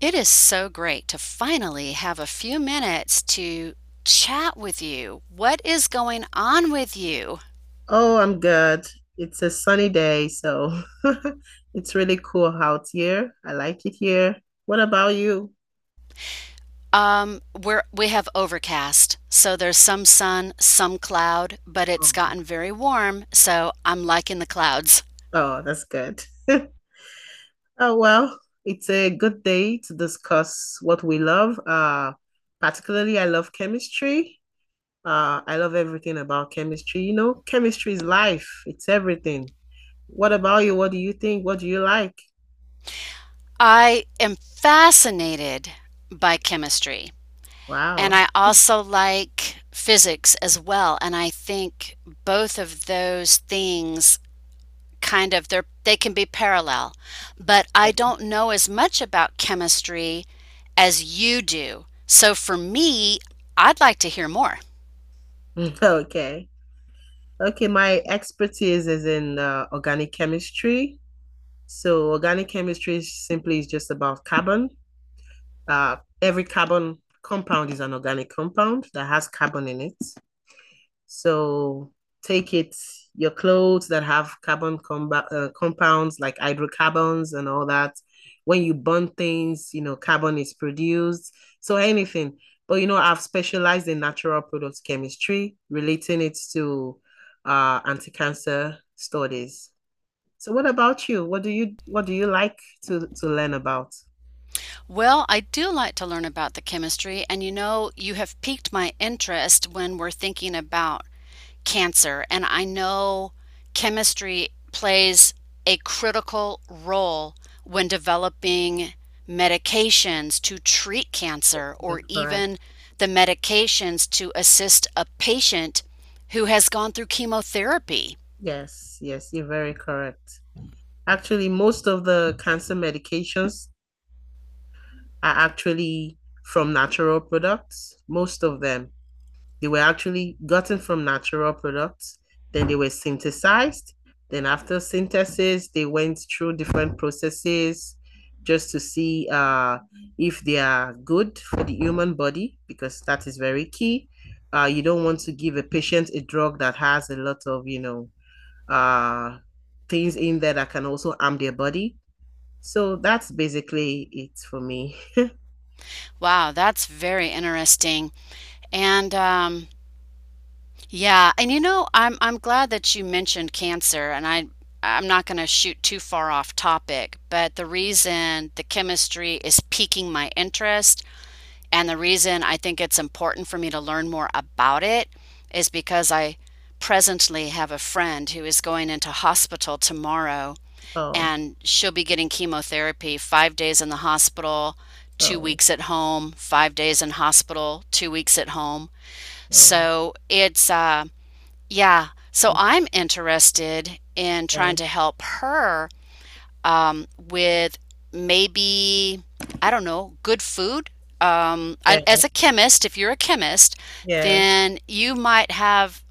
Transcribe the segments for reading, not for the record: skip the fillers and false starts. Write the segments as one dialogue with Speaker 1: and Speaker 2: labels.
Speaker 1: It is so great to finally have a few minutes to chat with you. What is going on with you?
Speaker 2: Oh, I'm good. It's a sunny day, so it's really cool out here. I like it here. What about you?
Speaker 1: We have overcast, so there's some sun, some cloud, but it's
Speaker 2: Oh,
Speaker 1: gotten very warm, so I'm liking the clouds.
Speaker 2: oh, that's good. Oh, well, it's a good day to discuss what we love. Particularly, I love chemistry. I love everything about chemistry. You know, chemistry is life, it's everything. What about you? What do you think? What do you like?
Speaker 1: I am fascinated by chemistry, and
Speaker 2: Wow.
Speaker 1: I also like physics as well, and I think both of those things kind of, they can be parallel, but I don't know as much about chemistry as you do, so for me, I'd like to hear more.
Speaker 2: Okay. Okay, my expertise is in organic chemistry. So organic chemistry is just about carbon. Every carbon compound is an organic compound that has carbon in it. So take it, your clothes that have compounds like hydrocarbons and all that. When you burn things, you know, carbon is produced. So anything. But, you know, I've specialized in natural products chemistry, relating it to anti-cancer studies. So what about you? What do you like to learn about?
Speaker 1: Well, I do like to learn about the chemistry, and you know, you have piqued my interest when we're thinking about cancer. And I know chemistry plays a critical role when developing medications to treat cancer,
Speaker 2: You're
Speaker 1: or
Speaker 2: correct.
Speaker 1: even the medications to assist a patient who has gone through chemotherapy.
Speaker 2: Yes, yes, you're very correct. Actually, most of the cancer medications are actually from natural products. Most of them, they were actually gotten from natural products. Then they were synthesized. Then after synthesis, they went through different processes just to see if they are good for the human body because that is very key. You don't want to give a patient a drug that has a lot of uh, things in there that can also harm their body. So that's basically it for me.
Speaker 1: Wow, that's very interesting. And Yeah, and you know, I'm glad that you mentioned cancer, and I'm not going to shoot too far off topic, but the reason the chemistry is piquing my interest and the reason I think it's important for me to learn more about it is because I presently have a friend who is going into hospital tomorrow,
Speaker 2: Oh.
Speaker 1: and she'll be getting chemotherapy. 5 days in the hospital, 2
Speaker 2: Oh,
Speaker 1: weeks at home, 5 days in hospital, 2 weeks at home.
Speaker 2: oh,
Speaker 1: So, it's yeah. So
Speaker 2: okay.
Speaker 1: I'm interested in
Speaker 2: Yeah,
Speaker 1: trying to help her, with maybe, I don't know, good food.
Speaker 2: yeah,
Speaker 1: And as a chemist, if you're a chemist,
Speaker 2: yes,
Speaker 1: then you might have,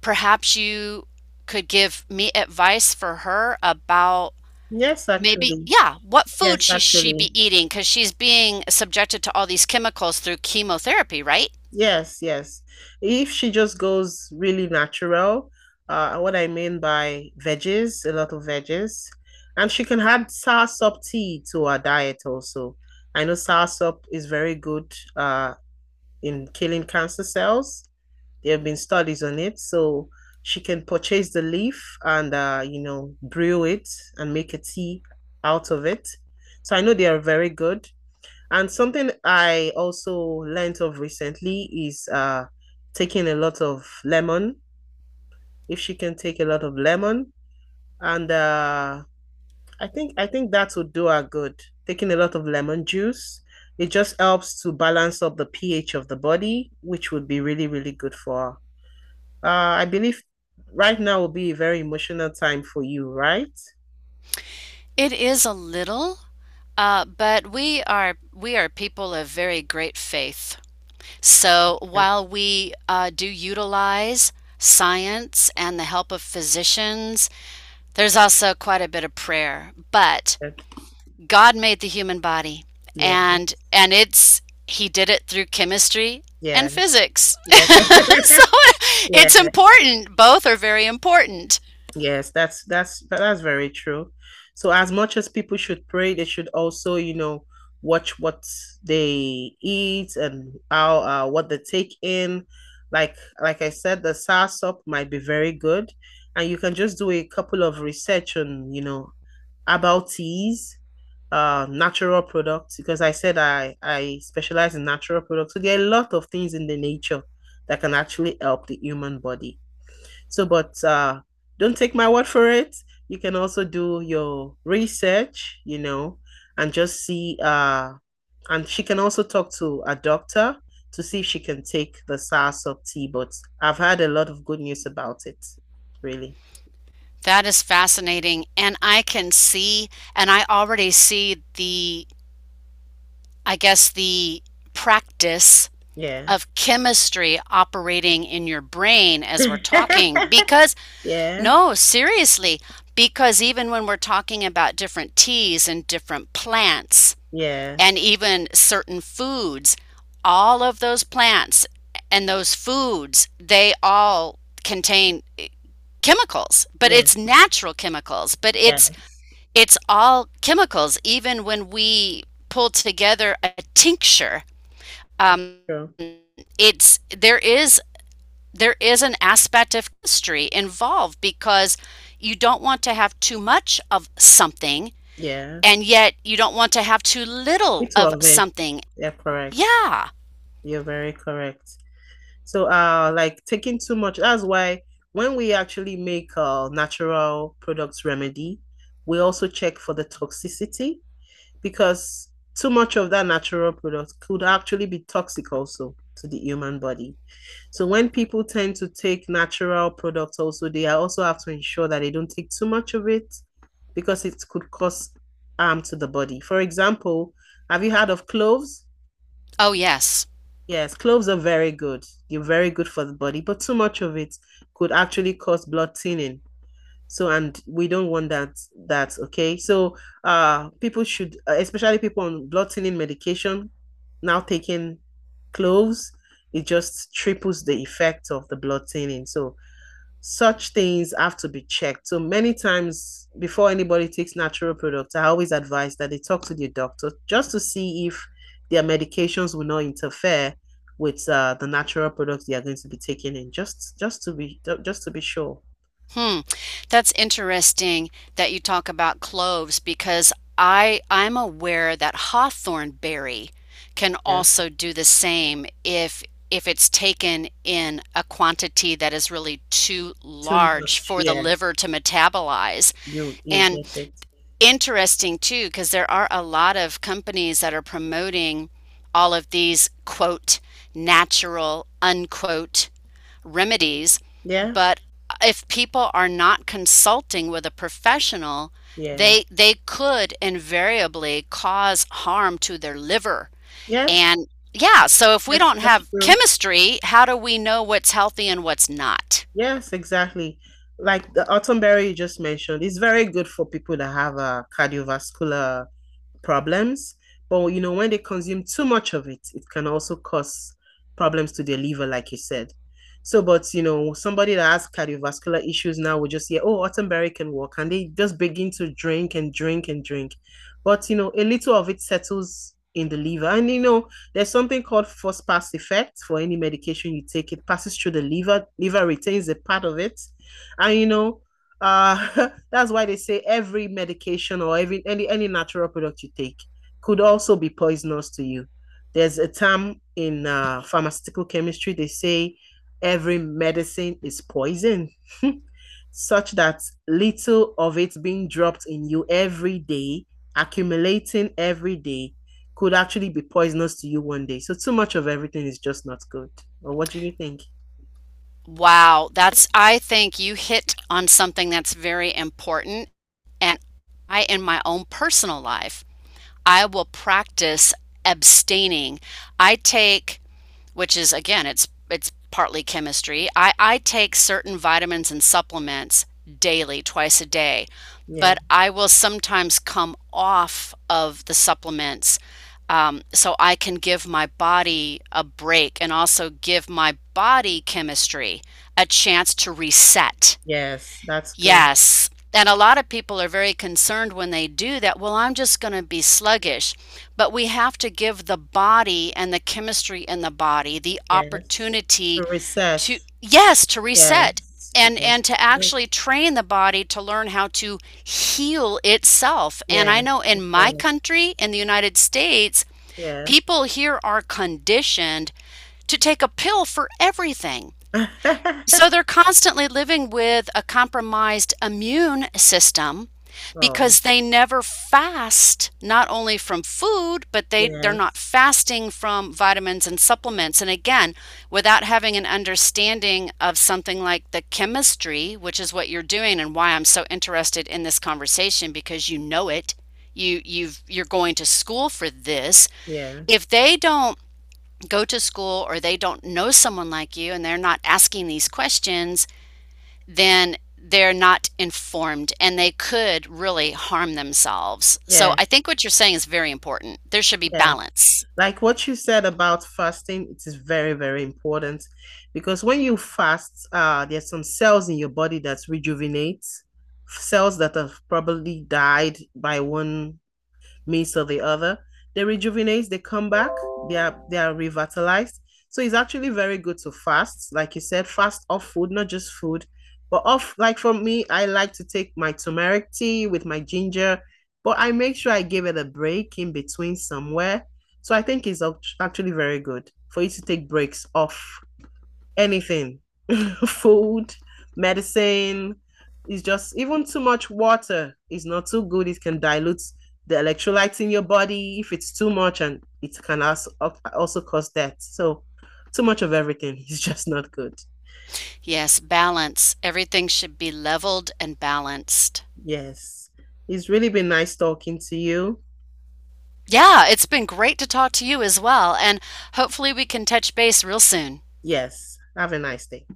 Speaker 1: perhaps you could give me advice for her about
Speaker 2: yes,
Speaker 1: maybe,
Speaker 2: actually,
Speaker 1: yeah, what food
Speaker 2: yes,
Speaker 1: she
Speaker 2: actually,
Speaker 1: be eating, because she's being subjected to all these chemicals through chemotherapy, right?
Speaker 2: yes, yes. If she just goes really natural, what I mean by veggies, a lot of veggies, and she can add soursop tea to her diet also. I know soursop is very good, in killing cancer cells. There have been studies on it. So she can purchase the leaf and you know, brew it and make a tea out of it. So I know they are very good. And something I also learned of recently is taking a lot of lemon. If she can take a lot of lemon and I think that would do her good. Taking a lot of lemon juice. It just helps to balance up the pH of the body, which would be really, really good for her. I believe right now will be a very emotional time for you, right?
Speaker 1: It is a little. But we are people of very great faith. So
Speaker 2: Okay,
Speaker 1: while we do utilize science and the help of physicians, there's also quite a bit of prayer. But
Speaker 2: okay.
Speaker 1: God made the human body,
Speaker 2: Yeah,
Speaker 1: and it's He did it through chemistry
Speaker 2: yeah,
Speaker 1: and physics.
Speaker 2: yeah,
Speaker 1: So
Speaker 2: yeah.
Speaker 1: it's important. Both are very important.
Speaker 2: Yes, that's very true. So as much as people should pray, they should also, you know, watch what they eat and how what they take in. Like I said, the soursop might be very good, and you can just do a couple of research on, you know, herbal teas natural products because I said I specialize in natural products. So there are a lot of things in the nature that can actually help the human body. So, but don't take my word for it. You can also do your research, you know, and just see and she can also talk to a doctor to see if she can take the soursop tea. But I've had a lot of good news about it, really.
Speaker 1: That is fascinating, and I can see, and I already see the, I guess, the practice
Speaker 2: Yeah.
Speaker 1: of chemistry operating in your brain as we're talking. Because,
Speaker 2: Yeah.
Speaker 1: no, seriously, because even when we're talking about different teas and different plants
Speaker 2: Yes.
Speaker 1: and even certain foods, all of those plants and those foods, they all contain chemicals, but
Speaker 2: Yes.
Speaker 1: it's
Speaker 2: Yes.
Speaker 1: natural chemicals, but
Speaker 2: Yes.
Speaker 1: it's all chemicals. Even when we pull together a tincture, um,
Speaker 2: Sure.
Speaker 1: it's, there is an aspect of chemistry involved, because you don't want to have too much of something,
Speaker 2: Yes.
Speaker 1: and yet you don't want to have too little
Speaker 2: It's
Speaker 1: of
Speaker 2: of it.
Speaker 1: something.
Speaker 2: Yeah, correct.
Speaker 1: Yeah.
Speaker 2: You're very correct. So, like taking too much, that's why when we actually make natural products remedy, we also check for the toxicity because too much of that natural product could actually be toxic also to the human body. So when people tend to take natural products also, they also have to ensure that they don't take too much of it because it could cause harm to the body. For example, have you heard of cloves?
Speaker 1: Oh, yes.
Speaker 2: Yes, cloves are very good. They're very good for the body, but too much of it could actually cause blood thinning. So and we don't want that okay. So people should especially people on blood thinning medication now taking cloves, it just triples the effect of the blood thinning. So such things have to be checked. So many times before anybody takes natural products, I always advise that they talk to their doctor just to see if their medications will not interfere with the natural products they are going to be taking in. Just to be sure.
Speaker 1: Hmm. That's interesting that you talk about cloves, because I'm aware that hawthorn berry can
Speaker 2: Yes.
Speaker 1: also do the same if it's taken in a quantity that is really too
Speaker 2: Too much.
Speaker 1: large for the
Speaker 2: Yes.
Speaker 1: liver to metabolize.
Speaker 2: You
Speaker 1: And
Speaker 2: get it.
Speaker 1: interesting too, because there are a lot of companies that are promoting all of these quote natural unquote remedies.
Speaker 2: Yes.
Speaker 1: But if people are not consulting with a professional,
Speaker 2: Yeah.
Speaker 1: they could invariably cause harm to their liver.
Speaker 2: Yes.
Speaker 1: And yeah, so if we
Speaker 2: Yes,
Speaker 1: don't
Speaker 2: that's
Speaker 1: have
Speaker 2: true.
Speaker 1: chemistry, how do we know what's healthy and what's not?
Speaker 2: Yes, exactly. Like the autumn berry you just mentioned, it's very good for people that have a cardiovascular problems. But you know, when they consume too much of it, it can also cause problems to their liver, like you said. So, but you know, somebody that has cardiovascular issues now will just hear, "Oh, Ottenberry can work," and they just begin to drink and drink and drink. But you know, a little of it settles in the liver. And you know, there's something called first pass effect for any medication you take. It passes through the liver, liver retains a part of it. And you know, that's why they say every medication or every any natural product you take could also be poisonous to you. There's a term in pharmaceutical chemistry they say every medicine is poison, such that little of it being dropped in you every day, accumulating every day, could actually be poisonous to you one day. So too much of everything is just not good. Or what do you think?
Speaker 1: Wow, that's, I think you hit on something that's very important. And I, in my own personal life, I will practice abstaining. I take, which is again, it's partly chemistry. I take certain vitamins and supplements daily, twice a day,
Speaker 2: Yeah.
Speaker 1: but I will sometimes come off of the supplements, so I can give my body a break and also give my body chemistry a chance to reset.
Speaker 2: Yes. That's good.
Speaker 1: Yes. And a lot of people are very concerned when they do that. Well, I'm just going to be sluggish. But we have to give the body and the chemistry in the body the
Speaker 2: Yes.
Speaker 1: opportunity
Speaker 2: To reset.
Speaker 1: to, yes, to reset,
Speaker 2: Yes. Yes.
Speaker 1: and to
Speaker 2: Good.
Speaker 1: actually train the body to learn how to heal itself. And I
Speaker 2: Yes.
Speaker 1: know
Speaker 2: You're
Speaker 1: in my
Speaker 2: correct.
Speaker 1: country, in the United States,
Speaker 2: Yes.
Speaker 1: people here are conditioned to take a pill for everything. So they're constantly living with a compromised immune system
Speaker 2: Oh.
Speaker 1: because they never fast not only from food, but they're not
Speaker 2: Yes.
Speaker 1: fasting from vitamins and supplements, and again, without having an understanding of something like the chemistry, which is what you're doing, and why I'm so interested in this conversation. Because you know it, you're going to school for this.
Speaker 2: Yes.
Speaker 1: If they don't go to school, or they don't know someone like you, and they're not asking these questions, then they're not informed, and they could really harm themselves. So I
Speaker 2: Yes.
Speaker 1: think what you're saying is very important. There should be
Speaker 2: Yes.
Speaker 1: balance.
Speaker 2: Like what you said about fasting, it is very, very important because when you fast, there's some cells in your body that rejuvenates, cells that have probably died by one means or the other. They rejuvenate, they come back, they are revitalized. So it's actually very good to fast, like you said, fast off food, not just food, but off. Like for me, I like to take my turmeric tea with my ginger, but I make sure I give it a break in between somewhere. So I think it's actually very good for you to take breaks off anything, food, medicine. It's just even too much water is not too good. It can dilute the electrolytes in your body if it's too much, and it can also also cause death. So too much of everything is just not good.
Speaker 1: Yes, balance. Everything should be leveled and balanced.
Speaker 2: Yes, it's really been nice talking to you.
Speaker 1: Yeah, it's been great to talk to you as well. And hopefully we can touch base real soon.
Speaker 2: Yes, have a nice day.